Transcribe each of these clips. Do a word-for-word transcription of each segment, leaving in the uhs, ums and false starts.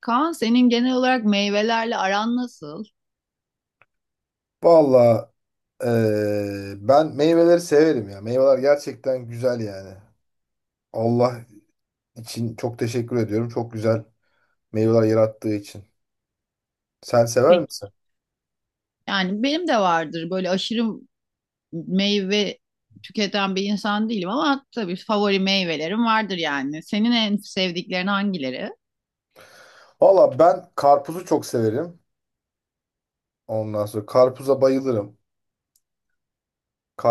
Kaan senin genel olarak meyvelerle aran nasıl? Valla ben meyveleri severim ya. Meyveler gerçekten güzel yani. Allah için çok teşekkür ediyorum. Çok güzel meyveler yarattığı için. Sen sever Peki. misin? Yani benim de vardır böyle aşırı meyve tüketen bir insan değilim ama tabii favori meyvelerim vardır yani. Senin en sevdiklerin hangileri? Valla ben karpuzu çok severim. Ondan sonra karpuza bayılırım.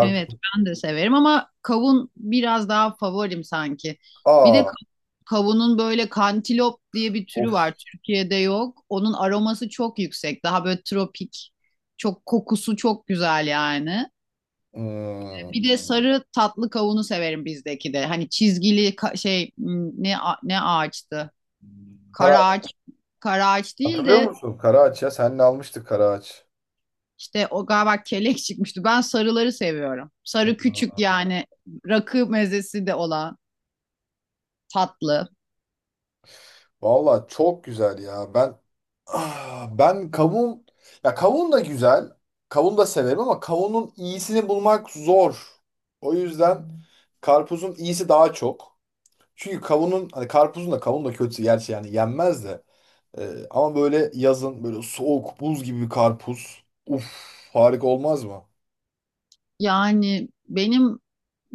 Evet, ben de severim ama kavun biraz daha favorim sanki. Bir de Aa, ka- kavunun böyle kantilop diye bir türü of. var. Türkiye'de yok. Onun aroması çok yüksek. Daha böyle tropik. Çok kokusu çok güzel yani. Hmm. Bir de sarı tatlı kavunu severim bizdeki de. Hani çizgili ka- şey m, ne a- ne ağaçtı? Kara, Kara ağaç, kara ağaç değil hatırlıyor de musun? Karaağaç ya. Seninle almıştık karaağaç. işte o galiba kelek çıkmıştı. Ben sarıları seviyorum. Sarı küçük yani rakı mezesi de olan tatlı. Valla çok güzel ya. Ben Ah, ben kavun ya, kavun da güzel. Kavun da severim ama kavunun iyisini bulmak zor. O yüzden karpuzun iyisi daha çok. Çünkü kavunun hani karpuzun da kavun da kötü gerçi yani yenmez de. Ee, ama böyle yazın böyle soğuk buz gibi bir karpuz. Uf, harika olmaz mı? Yani benim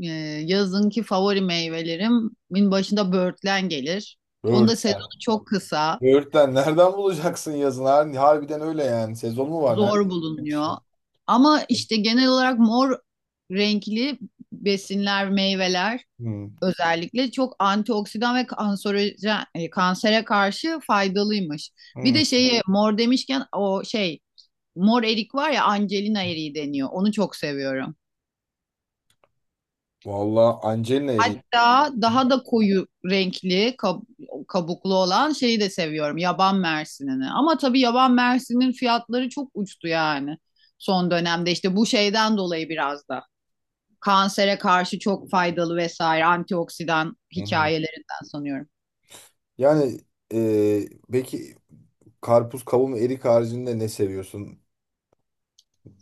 e, yazınki favori meyvelerimin başında böğürtlen gelir. Onun da sezonu Böğürtlen. çok kısa. Böğürtlen nereden bulacaksın yazın? Har- Harbiden öyle yani. Sezon mu var? Nerede? Zor Bir bulunuyor. şey. Ama işte genel olarak mor renkli besinler, meyveler Hmm. özellikle çok antioksidan ve kanserojen, e, kansere karşı faydalıymış. Bir Hmm. de şeyi mor demişken o şey mor erik var ya, Angelina eriği deniyor. Onu çok seviyorum. Vallahi Angelina Jolie. Hatta daha da koyu renkli kab- kabuklu olan şeyi de seviyorum. Yaban mersinini. Ama tabii yaban mersinin fiyatları çok uçtu yani. Son dönemde işte bu şeyden dolayı biraz da. Kansere karşı çok faydalı vesaire antioksidan Hı hı. hikayelerinden sanıyorum. Yani, e, peki karpuz, kavun ve erik haricinde ne seviyorsun?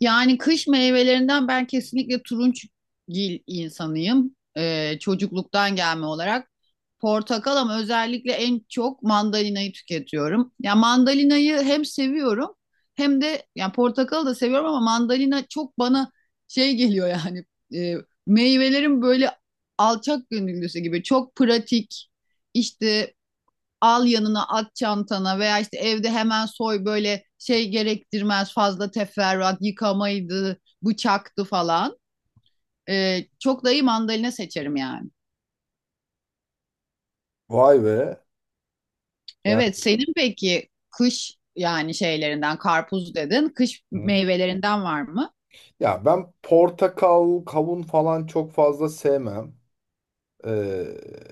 Yani kış meyvelerinden ben kesinlikle turunçgil insanıyım. Ee, çocukluktan gelme olarak. Portakal ama özellikle en çok mandalinayı tüketiyorum. Ya mandalinayı hem seviyorum hem de yani portakalı da seviyorum ama mandalina çok bana şey geliyor yani, e, meyvelerin böyle alçak gönüllüsü gibi çok pratik, işte al yanına at çantana veya işte evde hemen soy böyle şey gerektirmez fazla teferruat yıkamaydı bıçaktı falan. Ee, çok dayı mandalina seçerim yani. Vay be. Yani, Evet, senin peki kış yani şeylerinden karpuz dedin, kış Hı. meyvelerinden var mı? Ya ben portakal, kavun falan çok fazla sevmem. Ee,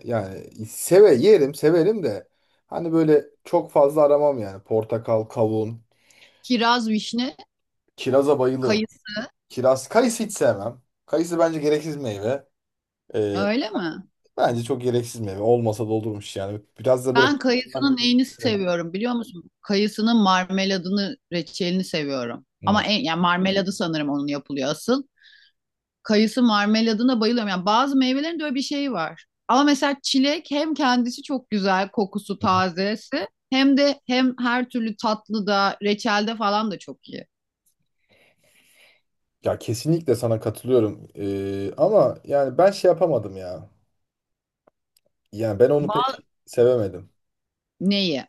Yani seve yerim, severim de hani böyle çok fazla aramam yani portakal, kavun, Kiraz, vişne, kiraza bayılırım. kayısı. Kiraz, kayısı hiç sevmem. Kayısı bence gereksiz meyve. Ee, Öyle mi? Bence çok gereksiz meyve. Olmasa da olurmuş yani. Biraz da böyle. Ben kayısının neyini seviyorum biliyor musun? Kayısının marmeladını, reçelini seviyorum. Hmm. Ama en, yani marmeladı sanırım onun yapılıyor asıl. Kayısı marmeladına bayılıyorum. Yani bazı meyvelerin de öyle bir şeyi var. Ama mesela çilek hem kendisi çok güzel kokusu tazesi hem de hem her türlü tatlıda reçelde falan da çok iyi. Ya kesinlikle sana katılıyorum. Ee, ama yani ben şey yapamadım ya. Yani ben onu Ba- pek sevemedim. Neyi?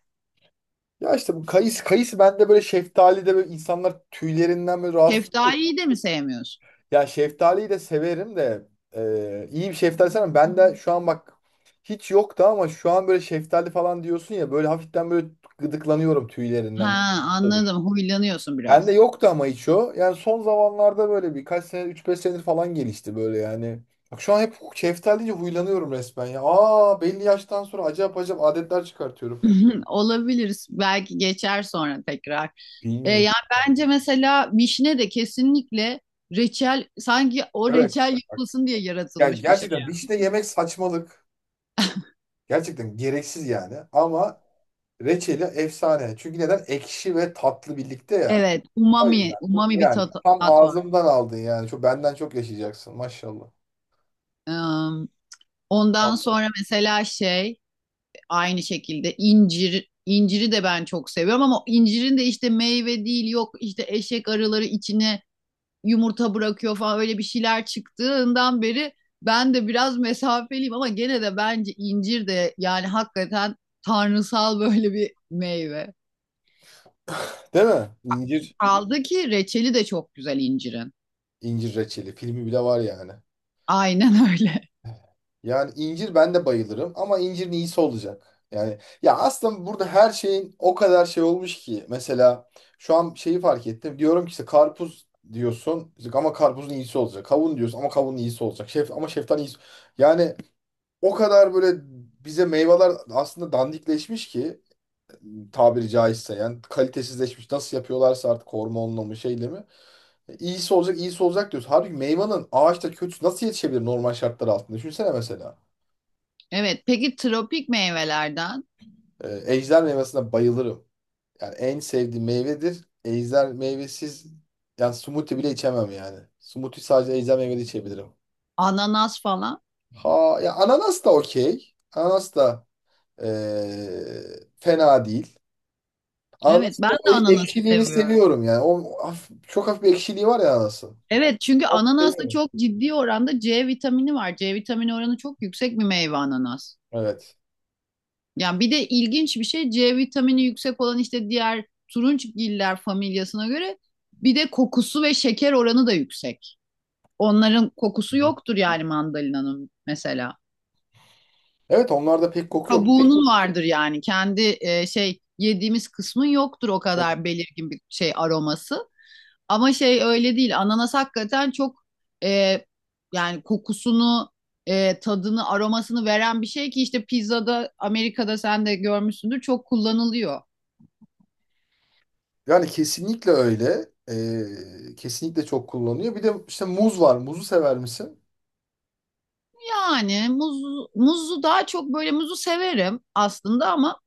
Ya işte bu kayısı, kayısı bende böyle, şeftali de böyle, insanlar tüylerinden böyle rahatsız. Şeftaliyi de mi sevmiyorsun? Ya şeftaliyi de severim de e, iyi bir şeftali sana. Ben de şu an bak, hiç yoktu ama şu an böyle şeftali falan diyorsun ya, böyle hafiften böyle gıdıklanıyorum Ha, tüylerinden. Olur. anladım. Huylanıyorsun Bende biraz. yoktu ama hiç o. Yani son zamanlarda böyle birkaç sene, üç beş senedir falan gelişti böyle yani. Bak şu an hep şeftali deyince huylanıyorum resmen ya. Aa, belli yaştan sonra acayip acayip adetler çıkartıyorum. Olabilir. Belki geçer sonra tekrar. E, Bilmiyorum. Yani bence mesela vişne de kesinlikle reçel, sanki o Evet. reçel Bak, yapılsın diye yani yaratılmış bir şey. gerçekten işte yemek saçmalık. Gerçekten gereksiz yani ama reçeli efsane. Çünkü neden? Ekşi ve tatlı birlikte ya. Evet, O umami, yüzden bu- umami bir yani tat, tam tat var. ağzımdan aldın yani. Çok, benden çok yaşayacaksın maşallah. Em, Ondan Vallahi. sonra mesela şey, aynı şekilde incir, inciri de ben çok seviyorum ama incirin de işte meyve değil, yok işte eşek arıları içine yumurta bırakıyor falan öyle bir şeyler çıktığından beri ben de biraz mesafeliyim ama gene de bence incir de yani hakikaten tanrısal böyle bir meyve. Değil mi? İncir, Kaldı ki reçeli de çok güzel incirin. incir reçeli. Filmi bile var yani. Aynen öyle. Yani incir ben de bayılırım ama incirin iyisi olacak. Yani ya aslında burada her şeyin o kadar şey olmuş ki. Mesela şu an şeyi fark ettim. Diyorum ki işte karpuz diyorsun işte ama karpuzun iyisi olacak. Kavun diyorsun ama kavunun iyisi olacak. Şef ama şeftalinin iyisi. Yani o kadar böyle bize meyveler aslında dandikleşmiş ki, tabiri caizse yani kalitesizleşmiş. Nasıl yapıyorlarsa artık, hormonla mı şeyle mi. E, İyisi olacak, iyisi olacak diyoruz. Halbuki meyvanın ağaçta kötüsü nasıl yetişebilir normal şartlar altında? Düşünsene mesela. Evet, peki tropik meyvelerden Ee, ejder meyvesine bayılırım. Yani en sevdiğim meyvedir. Ejder meyvesiz yani smoothie bile içemem yani. Smoothie sadece ejder meyveli içebilirim. ananas falan. Ha ya, ananas da okey. Ananas da ee, fena değil. Evet, Ananasın ben o de e- ananası ekşiliğini seviyorum. seviyorum yani. O haf- çok hafif bir ekşiliği var ya ananasın. Evet çünkü ananasta Seviyorum. çok ciddi oranda C vitamini var. C vitamini oranı çok yüksek bir meyve ananas. Evet. Yani bir de ilginç bir şey, C vitamini yüksek olan işte diğer turunçgiller familyasına göre bir de kokusu ve şeker oranı da yüksek. Onların Hı kokusu hı. yoktur yani mandalinanın mesela. Evet, onlarda pek koku yok. Kabuğunun vardır yani kendi, e, şey yediğimiz kısmın yoktur o kadar belirgin bir şey aroması. Ama şey öyle değil. Ananas hakikaten çok, e, yani kokusunu, e, tadını, aromasını veren bir şey ki işte pizzada Amerika'da sen de görmüşsündür çok kullanılıyor. Yani kesinlikle öyle. Ee, kesinlikle çok kullanılıyor. Bir de işte muz var. Muzu sever misin? Yani muz, muzu daha çok böyle muzu severim aslında ama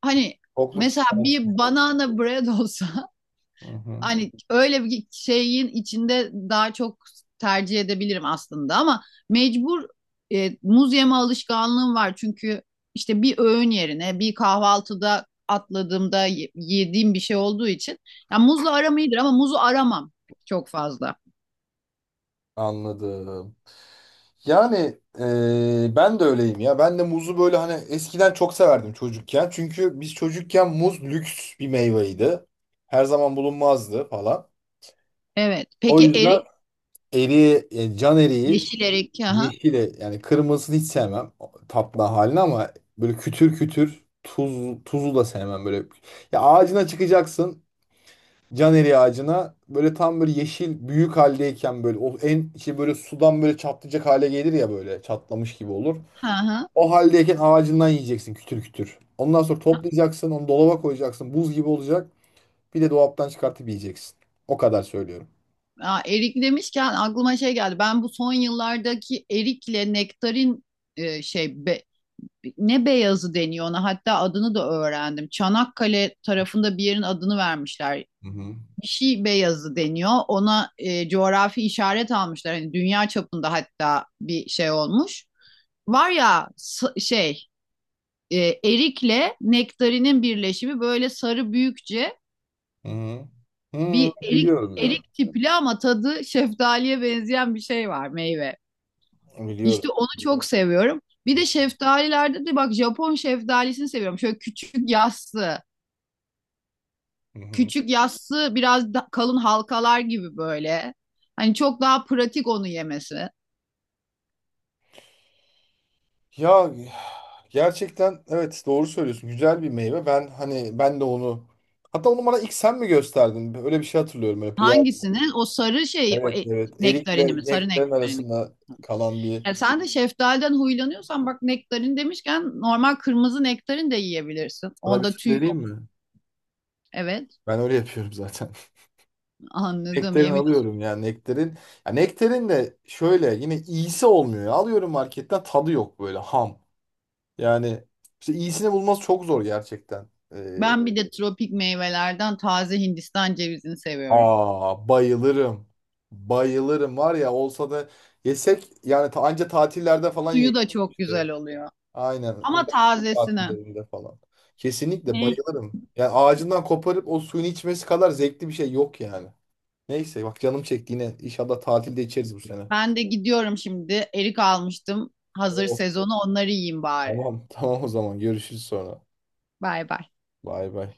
hani Kokluk. mesela bir banana bread olsa Hı hı. hani öyle bir şeyin içinde daha çok tercih edebilirim aslında ama mecbur, e, muz yeme alışkanlığım var çünkü işte bir öğün yerine bir kahvaltıda atladığımda ye- yediğim bir şey olduğu için yani muzla aram iyidir ama muzu aramam çok fazla. Anladım. Yani, e, ben de öyleyim ya. Ben de muzu böyle hani eskiden çok severdim çocukken. Çünkü biz çocukken muz lüks bir meyveydi. Her zaman bulunmazdı falan. Evet. O Peki yüzden erik, eriği, e, can eriği. yeşil erik. Aha. Yeşili yani, kırmızısını hiç sevmem o tatlı halini ama böyle kütür kütür, tuz, tuzu da sevmem böyle. Ya ağacına çıkacaksın, can eriği ağacına böyle, tam böyle yeşil büyük haldeyken, böyle o en şey, böyle sudan böyle çatlayacak hale gelir ya, böyle çatlamış gibi olur. Aha. O haldeyken ağacından yiyeceksin kütür kütür. Ondan sonra toplayacaksın, onu dolaba koyacaksın, buz gibi olacak, bir de dolaptan çıkartıp yiyeceksin. O kadar söylüyorum. Aa, erik demişken aklıma şey geldi. Ben bu son yıllardaki erikle nektarin, e, şey be- ne beyazı deniyor ona, hatta adını da öğrendim. Çanakkale tarafında bir yerin adını vermişler. Hı hı. Bir şey beyazı deniyor. Ona e, coğrafi işaret almışlar. Hani dünya çapında hatta bir şey olmuş. Var ya şey, e, erikle nektarinin birleşimi böyle sarı büyükçe Hı hı. Hı, bir erik biliyorum ya. erik tipli ama tadı şeftaliye benzeyen bir şey var, meyve. İşte Biliyorum. onu çok seviyorum. Bir de şeftalilerde de bak Japon şeftalisini seviyorum. Şöyle küçük yassı. Hı hı. Küçük yassı biraz da- kalın halkalar gibi böyle. Hani çok daha pratik onu yemesi. Ya gerçekten, evet, doğru söylüyorsun. Güzel bir meyve. Ben hani, ben de onu, hatta onu bana ilk sen mi gösterdin? Öyle bir şey hatırlıyorum hep. Ya, Hangisini? O sarı şey, o evet, e, evet. nektarini mi? Erikle Sarı nektarin nektarini. arasında kalan bir, Ya sen de şeftaliden huylanıyorsan bak, nektarin demişken normal kırmızı nektarin de yiyebilirsin. sana bir şey Onda tüy vereyim yok. mi? Evet, Ben öyle yapıyorum zaten. anladım Nektarin yemin olsun. alıyorum yani, nektarin. Ya nektarin de şöyle yine iyisi olmuyor ya. Alıyorum marketten, tadı yok, böyle ham. Yani işte iyisini bulması çok zor gerçekten. Ee, Ben bir de tropik meyvelerden taze Hindistan cevizini seviyorum. Aa, bayılırım. Bayılırım var ya, olsa da yesek yani, ta, anca tatillerde falan Suyu da çok yemişti. güzel oluyor. Aynen, Ama uzak tazesini. tatillerinde falan. Hı. Kesinlikle bayılırım. Yani ağacından koparıp o suyunu içmesi kadar zevkli bir şey yok yani. Neyse, bak canım çekti yine. İnşallah tatilde içeriz bu sene. Ben de gidiyorum şimdi. Erik almıştım. Hazır Oo, sezonu onları yiyeyim bari. tamam. Tamam, o zaman görüşürüz sonra. Bay bay. Bay bay.